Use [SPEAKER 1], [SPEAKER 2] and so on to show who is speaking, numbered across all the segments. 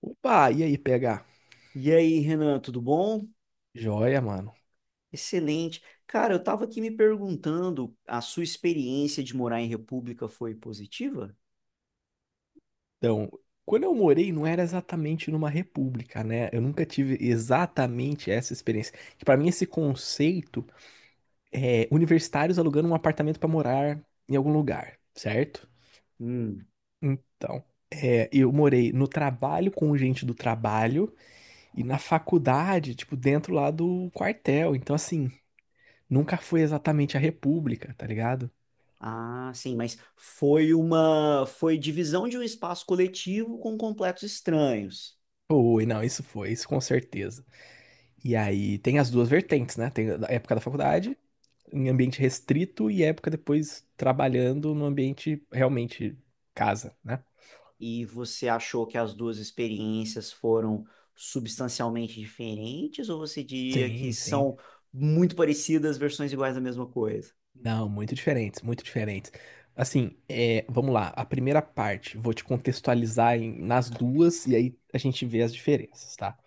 [SPEAKER 1] Opa, e aí, PH?
[SPEAKER 2] E aí, Renan, tudo bom?
[SPEAKER 1] Joia, mano.
[SPEAKER 2] Excelente. Cara, eu estava aqui me perguntando, a sua experiência de morar em República foi positiva?
[SPEAKER 1] Então, quando eu morei, não era exatamente numa república, né? Eu nunca tive exatamente essa experiência. Que para mim, esse conceito é universitários alugando um apartamento para morar em algum lugar, certo?
[SPEAKER 2] Hum.
[SPEAKER 1] Então, eu morei no trabalho com gente do trabalho e na faculdade, tipo, dentro lá do quartel. Então, assim, nunca foi exatamente a república, tá ligado?
[SPEAKER 2] Ah, sim, mas foi divisão de um espaço coletivo com completos estranhos.
[SPEAKER 1] Foi, não, isso foi, isso com certeza. E aí tem as duas vertentes, né? Tem a época da faculdade, em ambiente restrito, e época depois trabalhando no ambiente realmente casa, né?
[SPEAKER 2] E você achou que as duas experiências foram substancialmente diferentes, ou você diria que
[SPEAKER 1] Sim, sim.
[SPEAKER 2] são muito parecidas, versões iguais da mesma coisa?
[SPEAKER 1] Não, muito diferentes, muito diferentes. Assim, vamos lá. A primeira parte, vou te contextualizar nas duas e aí a gente vê as diferenças, tá?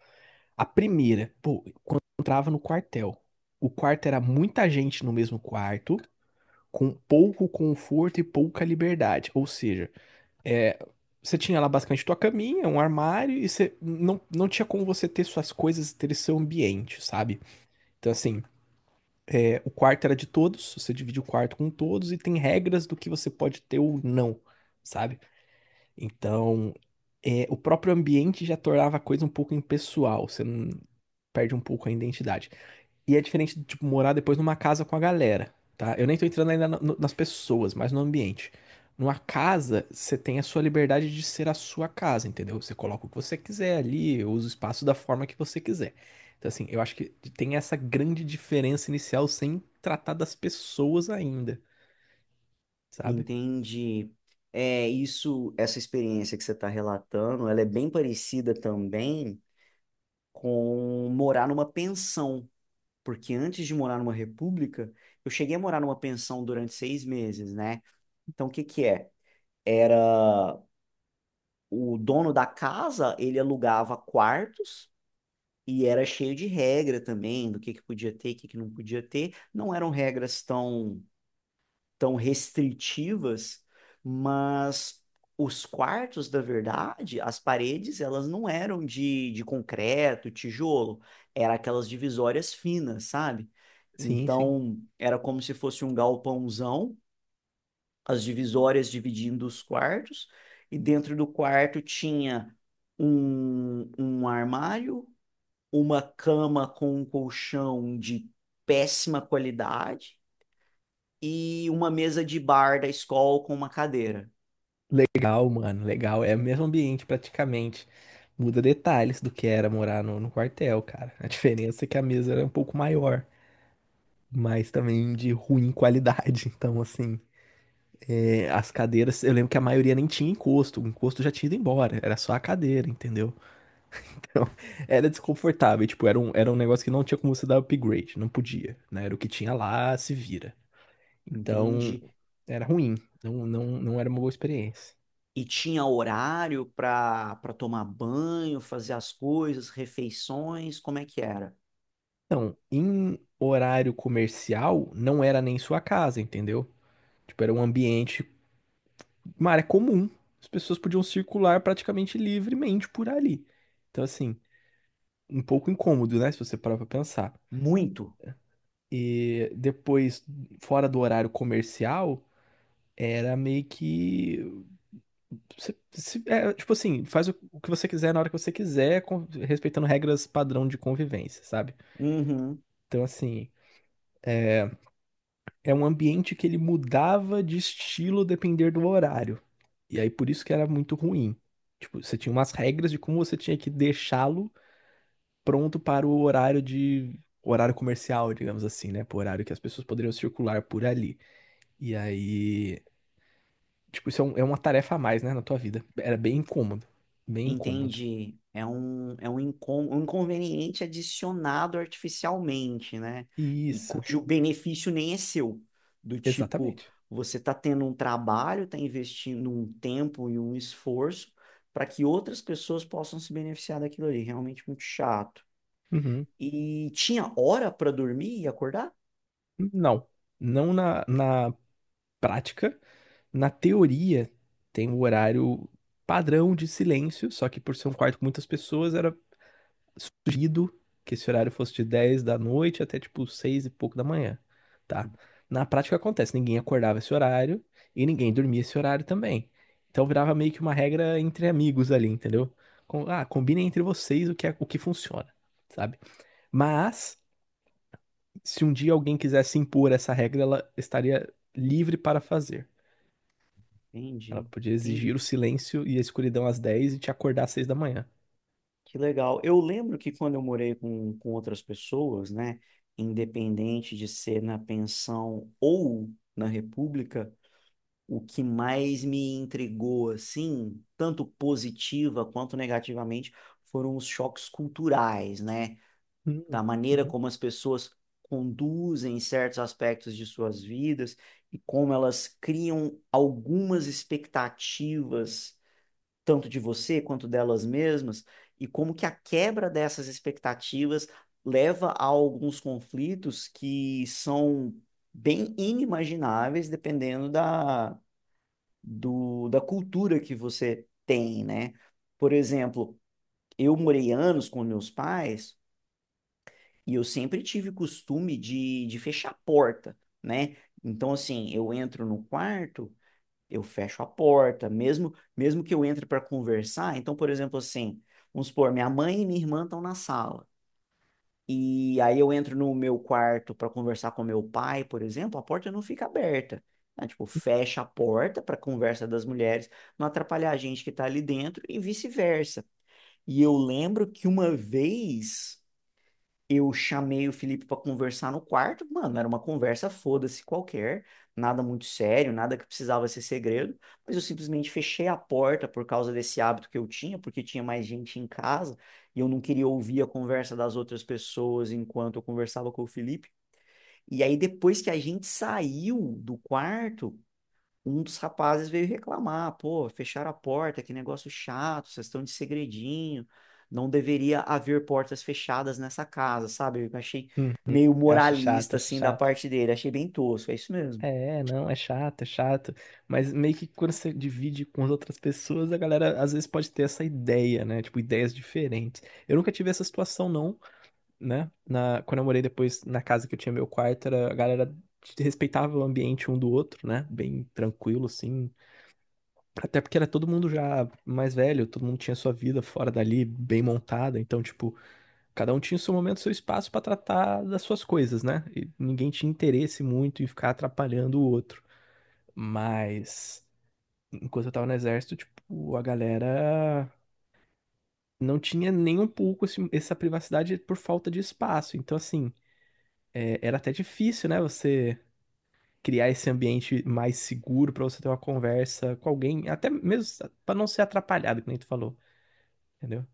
[SPEAKER 1] A primeira, pô, quando eu entrava no quartel, o quarto era muita gente no mesmo quarto, com pouco conforto e pouca liberdade. Ou seja, É, você tinha lá basicamente tua caminha, um armário, e você não, não tinha como você ter suas coisas, ter seu ambiente, sabe? Então, assim, o quarto era de todos, você divide o quarto com todos, e tem regras do que você pode ter ou não, sabe? Então, o próprio ambiente já tornava a coisa um pouco impessoal, você não perde um pouco a identidade. E é diferente de, tipo, morar depois numa casa com a galera, tá? Eu nem tô entrando ainda nas pessoas, mas no ambiente. Numa casa, você tem a sua liberdade de ser a sua casa, entendeu? Você coloca o que você quiser ali, usa o espaço da forma que você quiser. Então, assim, eu acho que tem essa grande diferença inicial sem tratar das pessoas ainda, sabe?
[SPEAKER 2] Entendi. É isso, essa experiência que você está relatando, ela é bem parecida também com morar numa pensão, porque antes de morar numa república, eu cheguei a morar numa pensão durante 6 meses, né? Então, o que que é? Era o dono da casa, ele alugava quartos e era cheio de regra também, do que podia ter, o que que não podia ter. Não eram regras tão restritivas, mas os quartos, da verdade, as paredes, elas não eram de concreto, tijolo, era aquelas divisórias finas, sabe?
[SPEAKER 1] Sim, sim.
[SPEAKER 2] Então, era como se fosse um galpãozão, as divisórias dividindo os quartos, e dentro do quarto tinha um armário, uma cama com um colchão de péssima qualidade, e uma mesa de bar da escola com uma cadeira,
[SPEAKER 1] Legal, mano, legal. É o mesmo ambiente praticamente. Muda detalhes do que era morar no quartel, cara. A diferença é que a mesa era um pouco maior, mas também de ruim qualidade. Então, assim, as cadeiras, eu lembro que a maioria nem tinha encosto, o encosto já tinha ido embora, era só a cadeira, entendeu? Então, era desconfortável, tipo, era um negócio que não tinha como você dar upgrade, não podia, né? Era o que tinha lá, se vira. Então,
[SPEAKER 2] entende?
[SPEAKER 1] era ruim, não era uma boa experiência.
[SPEAKER 2] E tinha horário para tomar banho, fazer as coisas, refeições, como é que era?
[SPEAKER 1] Então, em horário comercial, não era nem sua casa, entendeu? Tipo, era um ambiente, uma área comum. As pessoas podiam circular praticamente livremente por ali. Então, assim, um pouco incômodo, né? Se você parar pra pensar.
[SPEAKER 2] Muito.
[SPEAKER 1] E depois, fora do horário comercial, era meio que tipo assim, faz o que você quiser na hora que você quiser, respeitando regras padrão de convivência, sabe?
[SPEAKER 2] Uhum.
[SPEAKER 1] Então, assim, é um ambiente que ele mudava de estilo depender do horário. E aí, por isso que era muito ruim. Tipo, você tinha umas regras de como você tinha que deixá-lo pronto para o horário de horário comercial, digamos assim, né? Pro horário que as pessoas poderiam circular por ali. E aí, tipo, é uma tarefa a mais, né, na tua vida. Era bem incômodo, bem incômodo.
[SPEAKER 2] Entendi. É um inconveniente adicionado artificialmente, né? E
[SPEAKER 1] Isso,
[SPEAKER 2] cujo benefício nem é seu. Do tipo,
[SPEAKER 1] exatamente.
[SPEAKER 2] você está tendo um trabalho, está investindo um tempo e um esforço para que outras pessoas possam se beneficiar daquilo ali. Realmente muito chato.
[SPEAKER 1] Uhum.
[SPEAKER 2] E tinha hora para dormir e acordar?
[SPEAKER 1] Não, na prática, na teoria tem o horário padrão de silêncio, só que por ser um quarto com muitas pessoas, era sugerido que esse horário fosse de 10 da noite até tipo 6 e pouco da manhã, tá? Na prática acontece, ninguém acordava esse horário e ninguém dormia esse horário também. Então virava meio que uma regra entre amigos ali, entendeu? Combinem entre vocês o que funciona, sabe? Mas se um dia alguém quisesse impor essa regra, ela estaria livre para fazer. Ela
[SPEAKER 2] Entendi,
[SPEAKER 1] podia
[SPEAKER 2] entendi.
[SPEAKER 1] exigir o silêncio e a escuridão às 10 e te acordar às 6 da manhã.
[SPEAKER 2] Que legal. Eu lembro que quando eu morei com outras pessoas, né, independente de ser na pensão ou na república, o que mais me intrigou, assim, tanto positiva quanto negativamente, foram os choques culturais, né,
[SPEAKER 1] Hum,
[SPEAKER 2] da maneira
[SPEAKER 1] uhum,
[SPEAKER 2] como as pessoas conduzem certos aspectos de suas vidas e como elas criam algumas expectativas tanto de você quanto delas mesmas, e como que a quebra dessas expectativas leva a alguns conflitos que são bem inimagináveis dependendo da cultura que você tem, né? Por exemplo, eu morei anos com meus pais e eu sempre tive costume de fechar a porta, né? Então, assim, eu entro no quarto eu fecho a porta, mesmo que eu entre para conversar. Então, por exemplo, assim, vamos supor, minha mãe e minha irmã estão na sala. E aí eu entro no meu quarto para conversar com meu pai, por exemplo, a porta não fica aberta. Né? Tipo, fecha a porta para conversa das mulheres, não atrapalhar a gente que está ali dentro e vice-versa. E eu lembro que uma vez eu chamei o Felipe para conversar no quarto, mano, era uma conversa foda-se qualquer, nada muito sério, nada que precisava ser segredo, mas eu simplesmente fechei a porta por causa desse hábito que eu tinha, porque tinha mais gente em casa e eu não queria ouvir a conversa das outras pessoas enquanto eu conversava com o Felipe. E aí depois que a gente saiu do quarto, um dos rapazes veio reclamar: pô, fecharam a porta, que negócio chato, vocês estão de segredinho, não deveria haver portas fechadas nessa casa, sabe? Eu achei
[SPEAKER 1] uhum.
[SPEAKER 2] meio
[SPEAKER 1] Acho chato,
[SPEAKER 2] moralista,
[SPEAKER 1] acho
[SPEAKER 2] assim, da
[SPEAKER 1] chato.
[SPEAKER 2] parte dele, achei bem tosco, é isso mesmo.
[SPEAKER 1] É, não, é chato, é chato. Mas meio que quando você divide com as outras pessoas, a galera às vezes pode ter essa ideia, né? Tipo, ideias diferentes. Eu nunca tive essa situação, não, né? Quando eu morei depois na casa que eu tinha meu quarto, a galera respeitava o ambiente um do outro, né? Bem tranquilo, assim. Até porque era todo mundo já mais velho, todo mundo tinha sua vida fora dali, bem montada. Então, tipo, cada um tinha o seu momento, o seu espaço pra tratar das suas coisas, né? E ninguém tinha interesse muito em ficar atrapalhando o outro. Mas enquanto eu tava no exército, tipo, a galera não tinha nem um pouco essa privacidade por falta de espaço. Então, assim, era até difícil, né? Você criar esse ambiente mais seguro pra você ter uma conversa com alguém, até mesmo pra não ser atrapalhado, que nem tu falou, entendeu?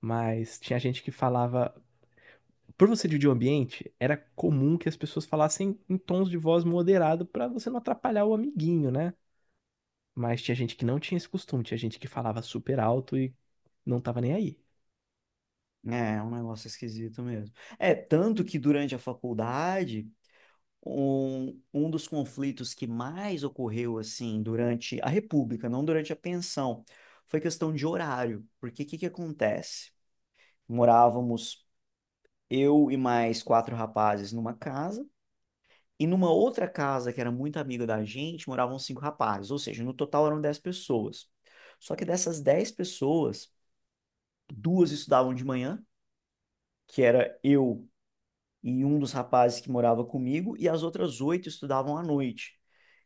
[SPEAKER 1] Mas tinha gente que falava. Por você dividir o ambiente, era comum que as pessoas falassem em tons de voz moderado pra você não atrapalhar o amiguinho, né? Mas tinha gente que não tinha esse costume, tinha gente que falava super alto e não tava nem aí.
[SPEAKER 2] É, é um negócio esquisito mesmo. É, tanto que durante a faculdade, um dos conflitos que mais ocorreu, assim, durante a República, não durante a pensão, foi questão de horário, porque o que que acontece? Morávamos eu e mais quatro rapazes numa casa, e numa outra casa que era muito amiga da gente, moravam cinco rapazes, ou seja, no total eram 10 pessoas. Só que dessas 10 pessoas, duas estudavam de manhã, que era eu e um dos rapazes que morava comigo, e as outras oito estudavam à noite.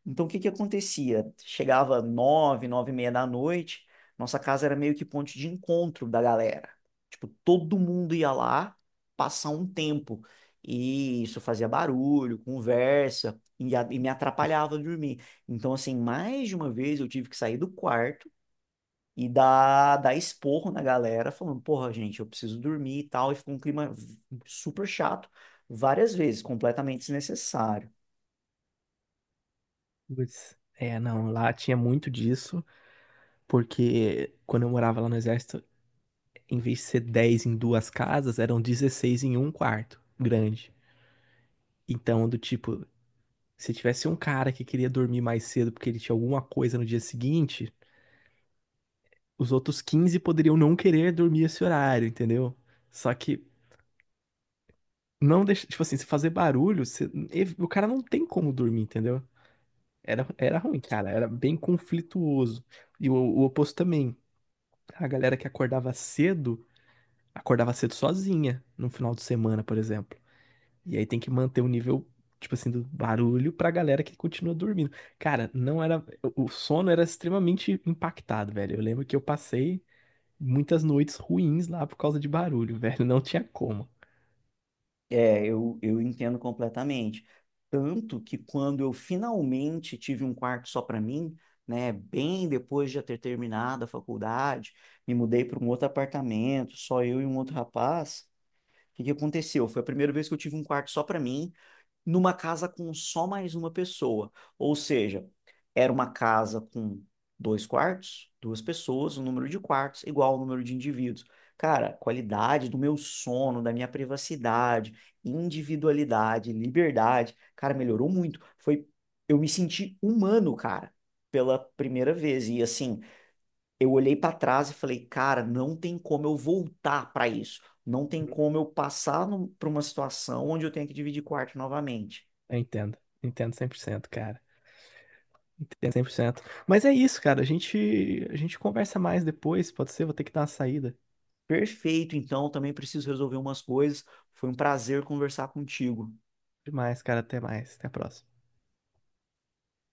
[SPEAKER 2] Então, o que que acontecia? Chegava nove, nove e meia da noite, nossa casa era meio que ponte de encontro da galera. Tipo, todo mundo ia lá passar um tempo. E isso fazia barulho, conversa, e me atrapalhava dormir. Então, assim, mais de uma vez eu tive que sair do quarto e dá esporro na galera, falando, porra, gente, eu preciso dormir e tal, e ficou um clima super chato, várias vezes, completamente desnecessário.
[SPEAKER 1] Putz. É, não, lá tinha muito disso, porque quando eu morava lá no exército, em vez de ser 10 em 2 casas, eram 16 em um quarto grande. Então, do tipo, se tivesse um cara que queria dormir mais cedo porque ele tinha alguma coisa no dia seguinte, os outros 15 poderiam não querer dormir esse horário, entendeu? Só que não deixa, tipo assim, se fazer barulho, o cara não tem como dormir, entendeu? Era ruim, cara. Era bem conflituoso. E o oposto também. A galera que acordava cedo sozinha no final de semana, por exemplo. E aí tem que manter o nível, tipo assim, do barulho pra galera que continua dormindo. Cara, não era. O sono era extremamente impactado, velho. Eu lembro que eu passei muitas noites ruins lá por causa de barulho, velho. Não tinha como.
[SPEAKER 2] É, eu entendo completamente. Tanto que quando eu finalmente tive um quarto só para mim, né, bem depois de já ter terminado a faculdade, me mudei para um outro apartamento, só eu e um outro rapaz. O que que aconteceu? Foi a primeira vez que eu tive um quarto só para mim, numa casa com só mais uma pessoa. Ou seja, era uma casa com dois quartos, duas pessoas, o número de quartos igual ao número de indivíduos. Cara, qualidade do meu sono, da minha privacidade, individualidade, liberdade, cara, melhorou muito. Foi, eu me senti humano, cara, pela primeira vez. E assim, eu olhei para trás e falei, cara, não tem como eu voltar para isso. Não tem
[SPEAKER 1] Uhum.
[SPEAKER 2] como eu passar para uma situação onde eu tenho que dividir quarto novamente.
[SPEAKER 1] Eu entendo. Entendo 100%, cara. Entendo 100%. Mas é isso, cara. A gente conversa mais depois, pode ser? Vou ter que dar uma saída.
[SPEAKER 2] Perfeito, então também preciso resolver umas coisas. Foi um prazer conversar contigo.
[SPEAKER 1] Demais, cara. Até mais. Até a próxima.